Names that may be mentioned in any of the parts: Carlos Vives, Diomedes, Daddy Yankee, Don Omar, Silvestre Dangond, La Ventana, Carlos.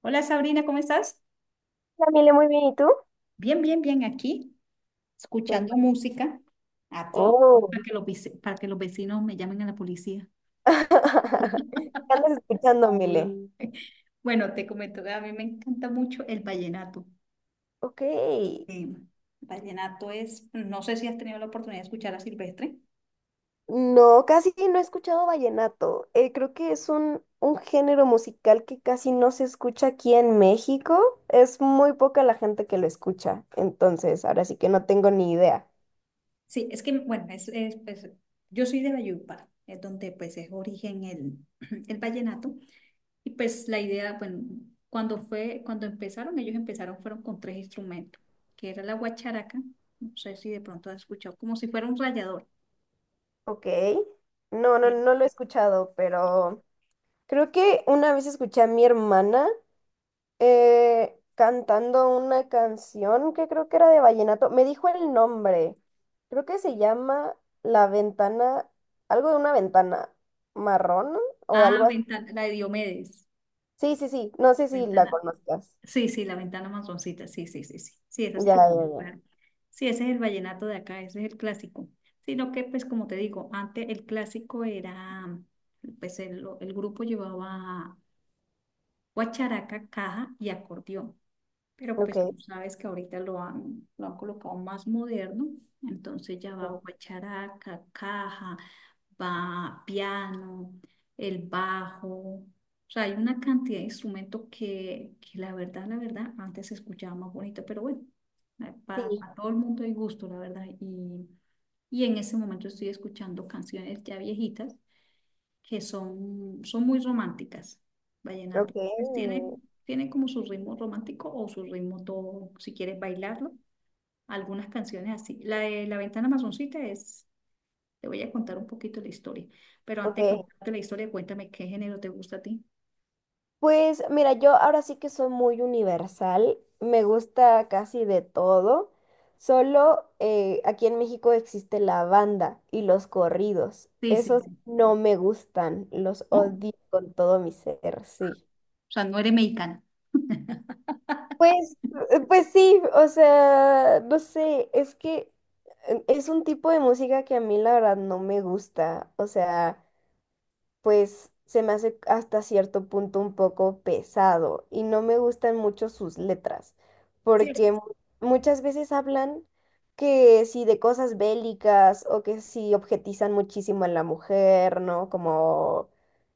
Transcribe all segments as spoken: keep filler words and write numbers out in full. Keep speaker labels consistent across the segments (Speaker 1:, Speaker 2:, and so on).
Speaker 1: Hola Sabrina, ¿cómo estás?
Speaker 2: Hola, Mile, muy bien, ¿y tú?
Speaker 1: Bien, bien, bien aquí,
Speaker 2: Qué
Speaker 1: escuchando
Speaker 2: bu-
Speaker 1: música a todo.
Speaker 2: Oh.
Speaker 1: Para que los, vici- para que los vecinos me llamen a la policía.
Speaker 2: ¿Qué andas escuchando, Mile? Mm.
Speaker 1: Bueno, te comento que a mí me encanta mucho el vallenato.
Speaker 2: Ok.
Speaker 1: Eh, Vallenato es, no sé si has tenido la oportunidad de escuchar a Silvestre.
Speaker 2: No, casi no he escuchado vallenato. Eh, creo que es un, un género musical que casi no se escucha aquí en México. Es muy poca la gente que lo escucha. Entonces, ahora sí que no tengo ni idea.
Speaker 1: Sí, es que, bueno, es, es, pues, yo soy de Valledupar, es donde pues es origen el, el vallenato. Y pues la idea, bueno, cuando fue, cuando empezaron, ellos empezaron, fueron con tres instrumentos, que era la guacharaca, no sé si de pronto has escuchado, como si fuera un rallador.
Speaker 2: Ok. No, no,
Speaker 1: Sí.
Speaker 2: no lo he escuchado, pero creo que una vez escuché a mi hermana. eh, cantando una canción que creo que era de vallenato. Me dijo el nombre. Creo que se llama La Ventana, algo de una ventana marrón o
Speaker 1: Ah,
Speaker 2: algo así.
Speaker 1: ventana, la de Diomedes,
Speaker 2: Sí, sí, sí. No sé si la
Speaker 1: ventana,
Speaker 2: conozcas.
Speaker 1: sí, sí, la ventana masoncita, sí, sí, sí, sí, sí, esa sí
Speaker 2: Ya,
Speaker 1: la
Speaker 2: ya,
Speaker 1: conozco,
Speaker 2: ya.
Speaker 1: claro. Sí, ese es el vallenato de acá, ese es el clásico. Sino que, pues como te digo, antes el clásico era, pues el, el grupo llevaba guacharaca, caja y acordeón. Pero
Speaker 2: Ok.
Speaker 1: pues tú sabes que ahorita lo han, lo han colocado más moderno, entonces ya
Speaker 2: Sí,
Speaker 1: va guacharaca, caja, va piano, el bajo, o sea, hay una cantidad de instrumentos que, que la verdad, la verdad, antes se escuchaba más bonito, pero bueno, eh, para,
Speaker 2: sí,
Speaker 1: para todo el mundo hay gusto, la verdad, y, y en ese momento estoy escuchando canciones ya viejitas que son, son muy románticas. Vallenato.
Speaker 2: ok.
Speaker 1: Pues tiene, tiene como su ritmo romántico o su ritmo todo, si quieres bailarlo. Algunas canciones así. La de La Ventana Masoncita es, te voy a contar un poquito la historia, pero antes de
Speaker 2: Ok.
Speaker 1: contarte la historia, cuéntame qué género te gusta a ti.
Speaker 2: Pues mira, yo ahora sí que soy muy universal, me gusta casi de todo, solo eh, aquí en México existe la banda y los corridos,
Speaker 1: Sí, sí,
Speaker 2: esos
Speaker 1: sí.
Speaker 2: no me gustan, los
Speaker 1: ¿No? O
Speaker 2: odio con todo mi ser, sí.
Speaker 1: sea, no eres mexicana.
Speaker 2: Pues, eh, pues sí, o sea, no sé, es que eh, es un tipo de música que a mí la verdad no me gusta, o sea, pues se me hace hasta cierto punto un poco pesado y no me gustan mucho sus letras,
Speaker 1: Sí,
Speaker 2: porque mu- muchas veces hablan que si de cosas bélicas o que si objetizan muchísimo a la mujer, ¿no? Como,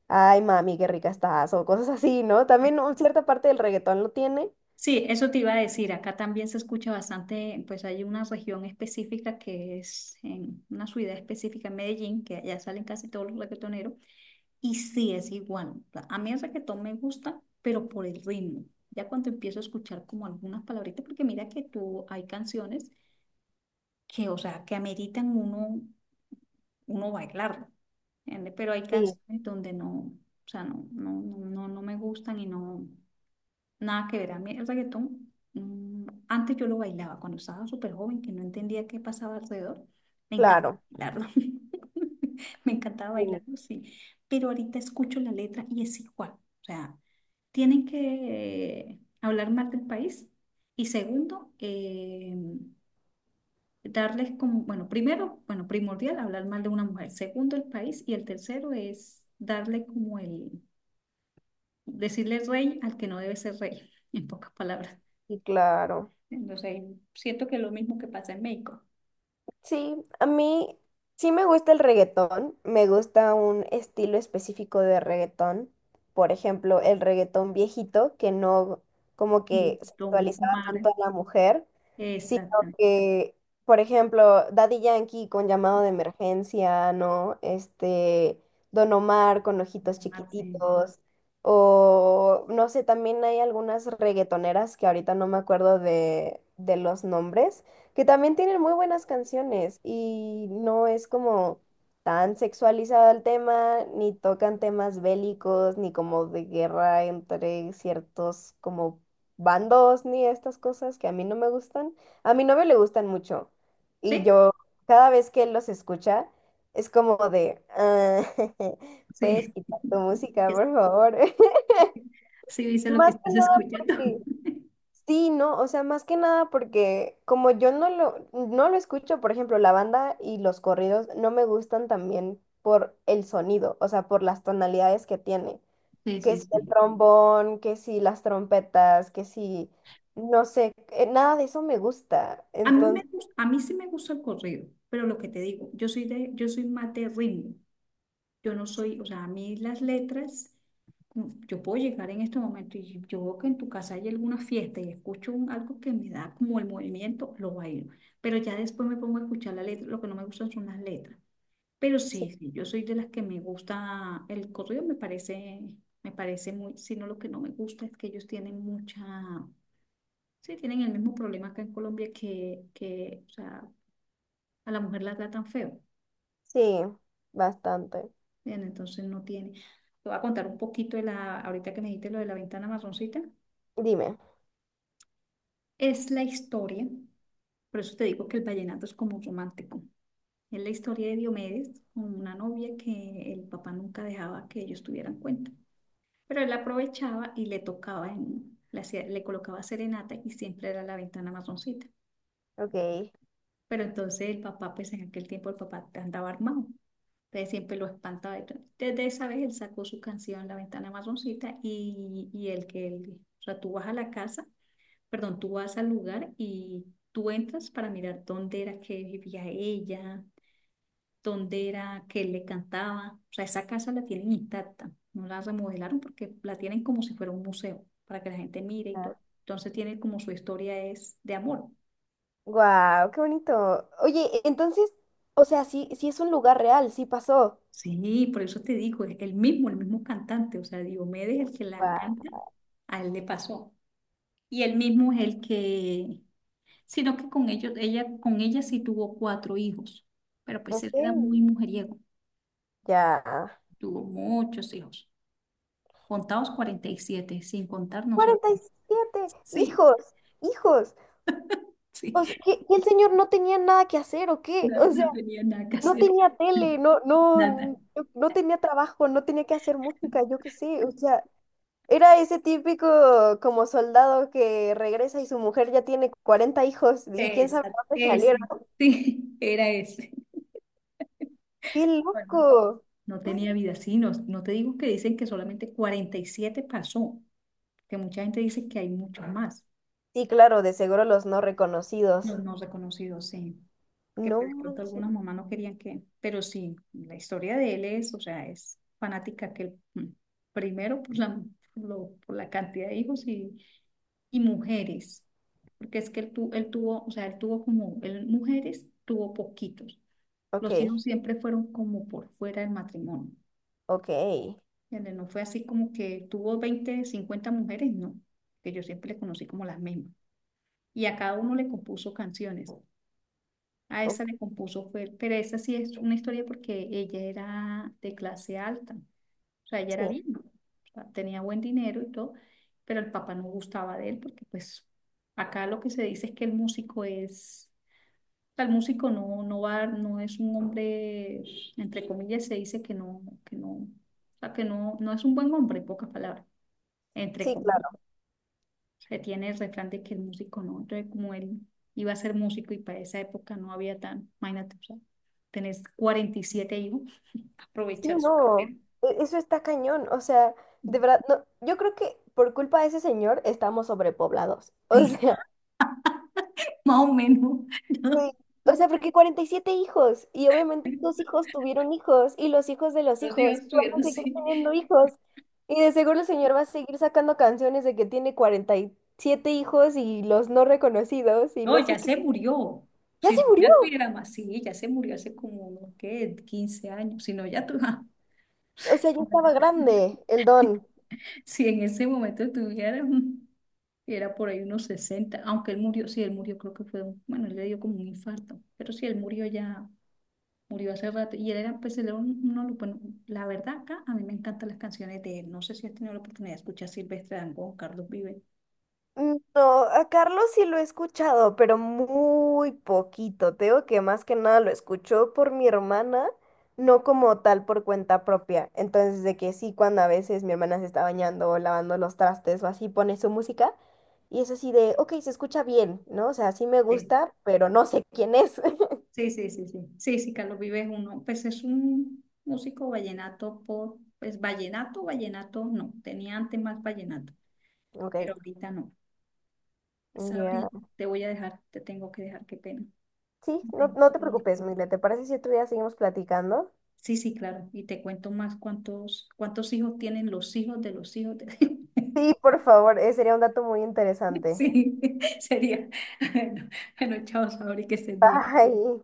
Speaker 2: ay, mami, qué rica estás o cosas así, ¿no? También un- cierta parte del reggaetón lo tiene.
Speaker 1: sí, eso te iba a decir. Acá también se escucha bastante, pues hay una región específica que es en una ciudad específica en Medellín, que allá salen casi todos los reggaetoneros. Y sí, es igual. O sea, a mí el reggaetón me gusta, pero por el ritmo. Ya cuando empiezo a escuchar como algunas palabritas, porque mira que tú hay canciones que, o sea, que ameritan uno, uno bailarlo, ¿entiende? Pero hay
Speaker 2: Sí,
Speaker 1: canciones donde no, o sea, no, no, no, no, no me gustan y no. Nada que ver. A mí el reggaetón, mm, antes yo lo bailaba cuando estaba súper joven, que no entendía qué pasaba alrededor. Me encanta
Speaker 2: claro,
Speaker 1: bailarlo. Me encantaba
Speaker 2: sí.
Speaker 1: bailarlo, sí. Pero ahorita escucho la letra y es igual. O sea, tienen que hablar más del país y segundo, eh, darles como, bueno, primero, bueno, primordial, hablar mal de una mujer. Segundo, el país. Y el tercero es darle como el, decirle rey al que no debe ser rey, en pocas palabras.
Speaker 2: Sí, claro.
Speaker 1: Entonces, siento que es lo mismo que pasa en México.
Speaker 2: Sí, a mí sí me gusta el reggaetón, me gusta un estilo específico de reggaetón, por ejemplo, el reggaetón viejito, que no como
Speaker 1: Y
Speaker 2: que
Speaker 1: tomo
Speaker 2: sexualizaba
Speaker 1: fumar.
Speaker 2: tanto a la mujer, sino
Speaker 1: Exactamente.
Speaker 2: que, por ejemplo, Daddy Yankee con Llamado de Emergencia, ¿no? Este, Don Omar con Ojitos
Speaker 1: Fumar, sí.
Speaker 2: Chiquititos, o no sé, también hay algunas reggaetoneras que ahorita no me acuerdo de, de los nombres, que también tienen muy buenas canciones y no es como tan sexualizado el tema, ni tocan temas bélicos, ni como de guerra entre ciertos como bandos, ni estas cosas que a mí no me gustan. A mi novio le gustan mucho y
Speaker 1: Sí,
Speaker 2: yo cada vez que él los escucha es como de, "Ah, puedes
Speaker 1: sí.
Speaker 2: quitar tu música,
Speaker 1: Es-
Speaker 2: por favor."
Speaker 1: Sí sí dice lo que
Speaker 2: Más que
Speaker 1: estás
Speaker 2: nada
Speaker 1: escuchando.
Speaker 2: porque... Sí, no, o sea, más que nada porque, como yo no lo, no lo, escucho, por ejemplo, la banda y los corridos no me gustan también por el sonido, o sea, por las tonalidades que tiene,
Speaker 1: Sí,
Speaker 2: que
Speaker 1: sí,
Speaker 2: si el
Speaker 1: sí.
Speaker 2: trombón, que si las trompetas, que si, no sé, eh, nada de eso me gusta,
Speaker 1: A mí me
Speaker 2: entonces,
Speaker 1: gus- a mí sí me gusta el corrido, pero lo que te digo, yo soy de, yo soy más de ritmo. Yo no soy, o sea, a mí las letras, mm, yo puedo llegar en este momento y yo veo que en tu casa hay alguna fiesta y escucho un- algo que me da como el movimiento, lo bailo. Pero ya después me pongo a escuchar la letra, lo que no me gustan son las letras. Pero sí, sí, yo soy de las que me gusta, el corrido me parece, me parece, muy, sino lo que no me gusta es que ellos tienen mucha, sí, tienen el mismo problema acá en Colombia que, que, o sea, a la mujer la tratan feo.
Speaker 2: sí, bastante.
Speaker 1: Bien, entonces no tiene. Te voy a contar un poquito de la, ahorita que me dijiste lo de la ventana marroncita.
Speaker 2: Dime,
Speaker 1: Es la historia, por eso te digo que el vallenato es como romántico. Es la historia de Diomedes con una novia que el papá nunca dejaba que ellos tuvieran cuenta. Pero él aprovechaba y le tocaba, en, le, hacía- le colocaba serenata y siempre era la ventana marroncita.
Speaker 2: ok.
Speaker 1: Pero entonces el papá, pues en aquel tiempo el papá andaba armado. Entonces siempre lo espantaba y todo. Desde esa vez él sacó su canción La Ventana Marroncita y, y el que él, o sea, tú vas a la casa, perdón, tú vas al lugar y tú entras para mirar dónde era que vivía ella, dónde era que él le cantaba. O sea, esa casa la tienen intacta, no la remodelaron porque la tienen como si fuera un museo para que la gente mire y todo. Entonces tiene como su historia es de amor.
Speaker 2: Wow, qué bonito. Oye, entonces, o sea, sí, sí es un lugar real, sí pasó.
Speaker 1: Sí, por eso te digo, es el mismo, el mismo cantante, o sea, Diomedes, el que la canta,
Speaker 2: Wow.
Speaker 1: a él le pasó. Y él mismo es el que, sino que con ellos, ella, con ella sí tuvo cuatro hijos, pero pues
Speaker 2: Ok.
Speaker 1: él era muy mujeriego,
Speaker 2: Ya.
Speaker 1: tuvo muchos hijos, contados cuarenta y siete sin contar no
Speaker 2: cuarenta y
Speaker 1: sabemos.
Speaker 2: siete
Speaker 1: Sí,
Speaker 2: hijos, hijos.
Speaker 1: sí,
Speaker 2: O sea, que, que el señor no tenía nada que hacer, ¿o qué?
Speaker 1: no,
Speaker 2: O sea,
Speaker 1: no tenía nada que
Speaker 2: no
Speaker 1: hacer,
Speaker 2: tenía tele, no,
Speaker 1: nada.
Speaker 2: no, no tenía trabajo, no tenía que hacer música, yo qué sé. O sea, era ese típico como soldado que regresa y su mujer ya tiene cuarenta hijos y quién sabe
Speaker 1: Exacto,
Speaker 2: dónde salieron.
Speaker 1: ese, sí, era ese.
Speaker 2: ¡Qué
Speaker 1: Bueno,
Speaker 2: loco!
Speaker 1: no tenía vida, sí, no, no te digo que dicen que solamente cuarenta y siete pasó, que mucha gente dice que hay muchos más,
Speaker 2: Sí, claro, de seguro los no reconocidos.
Speaker 1: los no reconocidos, sí. Que
Speaker 2: No
Speaker 1: pues, de pronto
Speaker 2: manches.
Speaker 1: algunas mamás no querían que, pero sí, la historia de él es, o sea, es fanática que él, mm, primero por la, por lo- por la cantidad de hijos y, y mujeres, porque es que él, tu- él tuvo, o sea, él tuvo como, él mujeres tuvo poquitos,
Speaker 2: Ok,
Speaker 1: los hijos siempre fueron como por fuera del matrimonio,
Speaker 2: ok,
Speaker 1: ¿entiendes? No fue así como que tuvo veinte cincuenta mujeres, no, que yo siempre le conocí como las mismas, y a cada uno le compuso canciones. A
Speaker 2: ok,
Speaker 1: esa le compuso, fue, pero esa sí es una historia porque ella era de clase alta, o sea, ella era
Speaker 2: sí,
Speaker 1: bien, ¿no? O sea, tenía buen dinero y todo, pero el papá no gustaba de él porque pues acá lo que se dice es que el músico es, o sea, el músico no, no va, no es un hombre, entre comillas se dice que no, que no, o sea, que no, no es un buen hombre, en pocas palabras, entre
Speaker 2: sí,
Speaker 1: comillas.
Speaker 2: claro.
Speaker 1: Se tiene el refrán de que el músico no, entonces como él iba a ser músico y para esa época no había tan, imagínate, o sea, tenés cuarenta y siete hijos,
Speaker 2: Sí,
Speaker 1: aprovechar su
Speaker 2: no,
Speaker 1: carrera.
Speaker 2: e- eso está cañón. O sea, de verdad, no, yo creo que por culpa de ese señor estamos sobrepoblados. O
Speaker 1: Sí,
Speaker 2: sea,
Speaker 1: más o menos.
Speaker 2: sí.
Speaker 1: ¿No?
Speaker 2: O sea, porque cuarenta y siete hijos y obviamente sus hijos tuvieron hijos y los hijos de los
Speaker 1: Los hijos
Speaker 2: hijos van
Speaker 1: estuvieron
Speaker 2: a seguir
Speaker 1: así.
Speaker 2: teniendo hijos. Y de seguro el señor va a seguir sacando canciones de que tiene cuarenta y siete hijos y los no reconocidos y
Speaker 1: No,
Speaker 2: no
Speaker 1: ya
Speaker 2: sé qué.
Speaker 1: se murió.
Speaker 2: Ya
Speaker 1: Si
Speaker 2: se
Speaker 1: no, ya
Speaker 2: murió.
Speaker 1: tuviera más, sí, ya se murió hace como, no ¿qué? quince años. Si no, ya tú,
Speaker 2: O sea, ya estaba grande el don.
Speaker 1: si en ese momento tuviera, mm, era por ahí unos sesenta aunque él murió, sí, él murió, creo que fue, un- bueno, él le dio como un infarto, pero sí, él murió ya. Murió hace rato y él era, pues, él era un- uno, de los buenos. La verdad acá, a mí me encantan las canciones de él. No sé si has tenido la oportunidad de escuchar Silvestre Dangond, Carlos Vives.
Speaker 2: Mm, no, a Carlos sí lo he escuchado, pero muy poquito. Te digo que más que nada lo escucho por mi hermana, no como tal por cuenta propia. Entonces, de que sí, cuando a veces mi hermana se está bañando o lavando los trastes o así, pone su música y es así de, ok, se escucha bien, ¿no? O sea, sí me
Speaker 1: Sí,
Speaker 2: gusta, pero no sé quién es.
Speaker 1: sí, sí, sí, sí. Sí, sí, Carlos Vives es uno, pues es un músico vallenato por, pues vallenato, vallenato no, tenía antes más vallenato,
Speaker 2: Ok,
Speaker 1: pero ahorita no. Sabri,
Speaker 2: ya.
Speaker 1: te voy a dejar, te tengo que dejar, qué pena.
Speaker 2: Sí, no,
Speaker 1: Tengo
Speaker 2: no te
Speaker 1: que ir.
Speaker 2: preocupes, Mile. ¿Te parece si otro día seguimos platicando?
Speaker 1: Sí, sí, claro, y te cuento más cuántos, cuántos hijos tienen los hijos de los hijos de...
Speaker 2: Sí, por favor, eh, sería un dato muy interesante.
Speaker 1: Sí, sería. Bueno, bueno, chao, Sabri, que estés bien.
Speaker 2: Bye.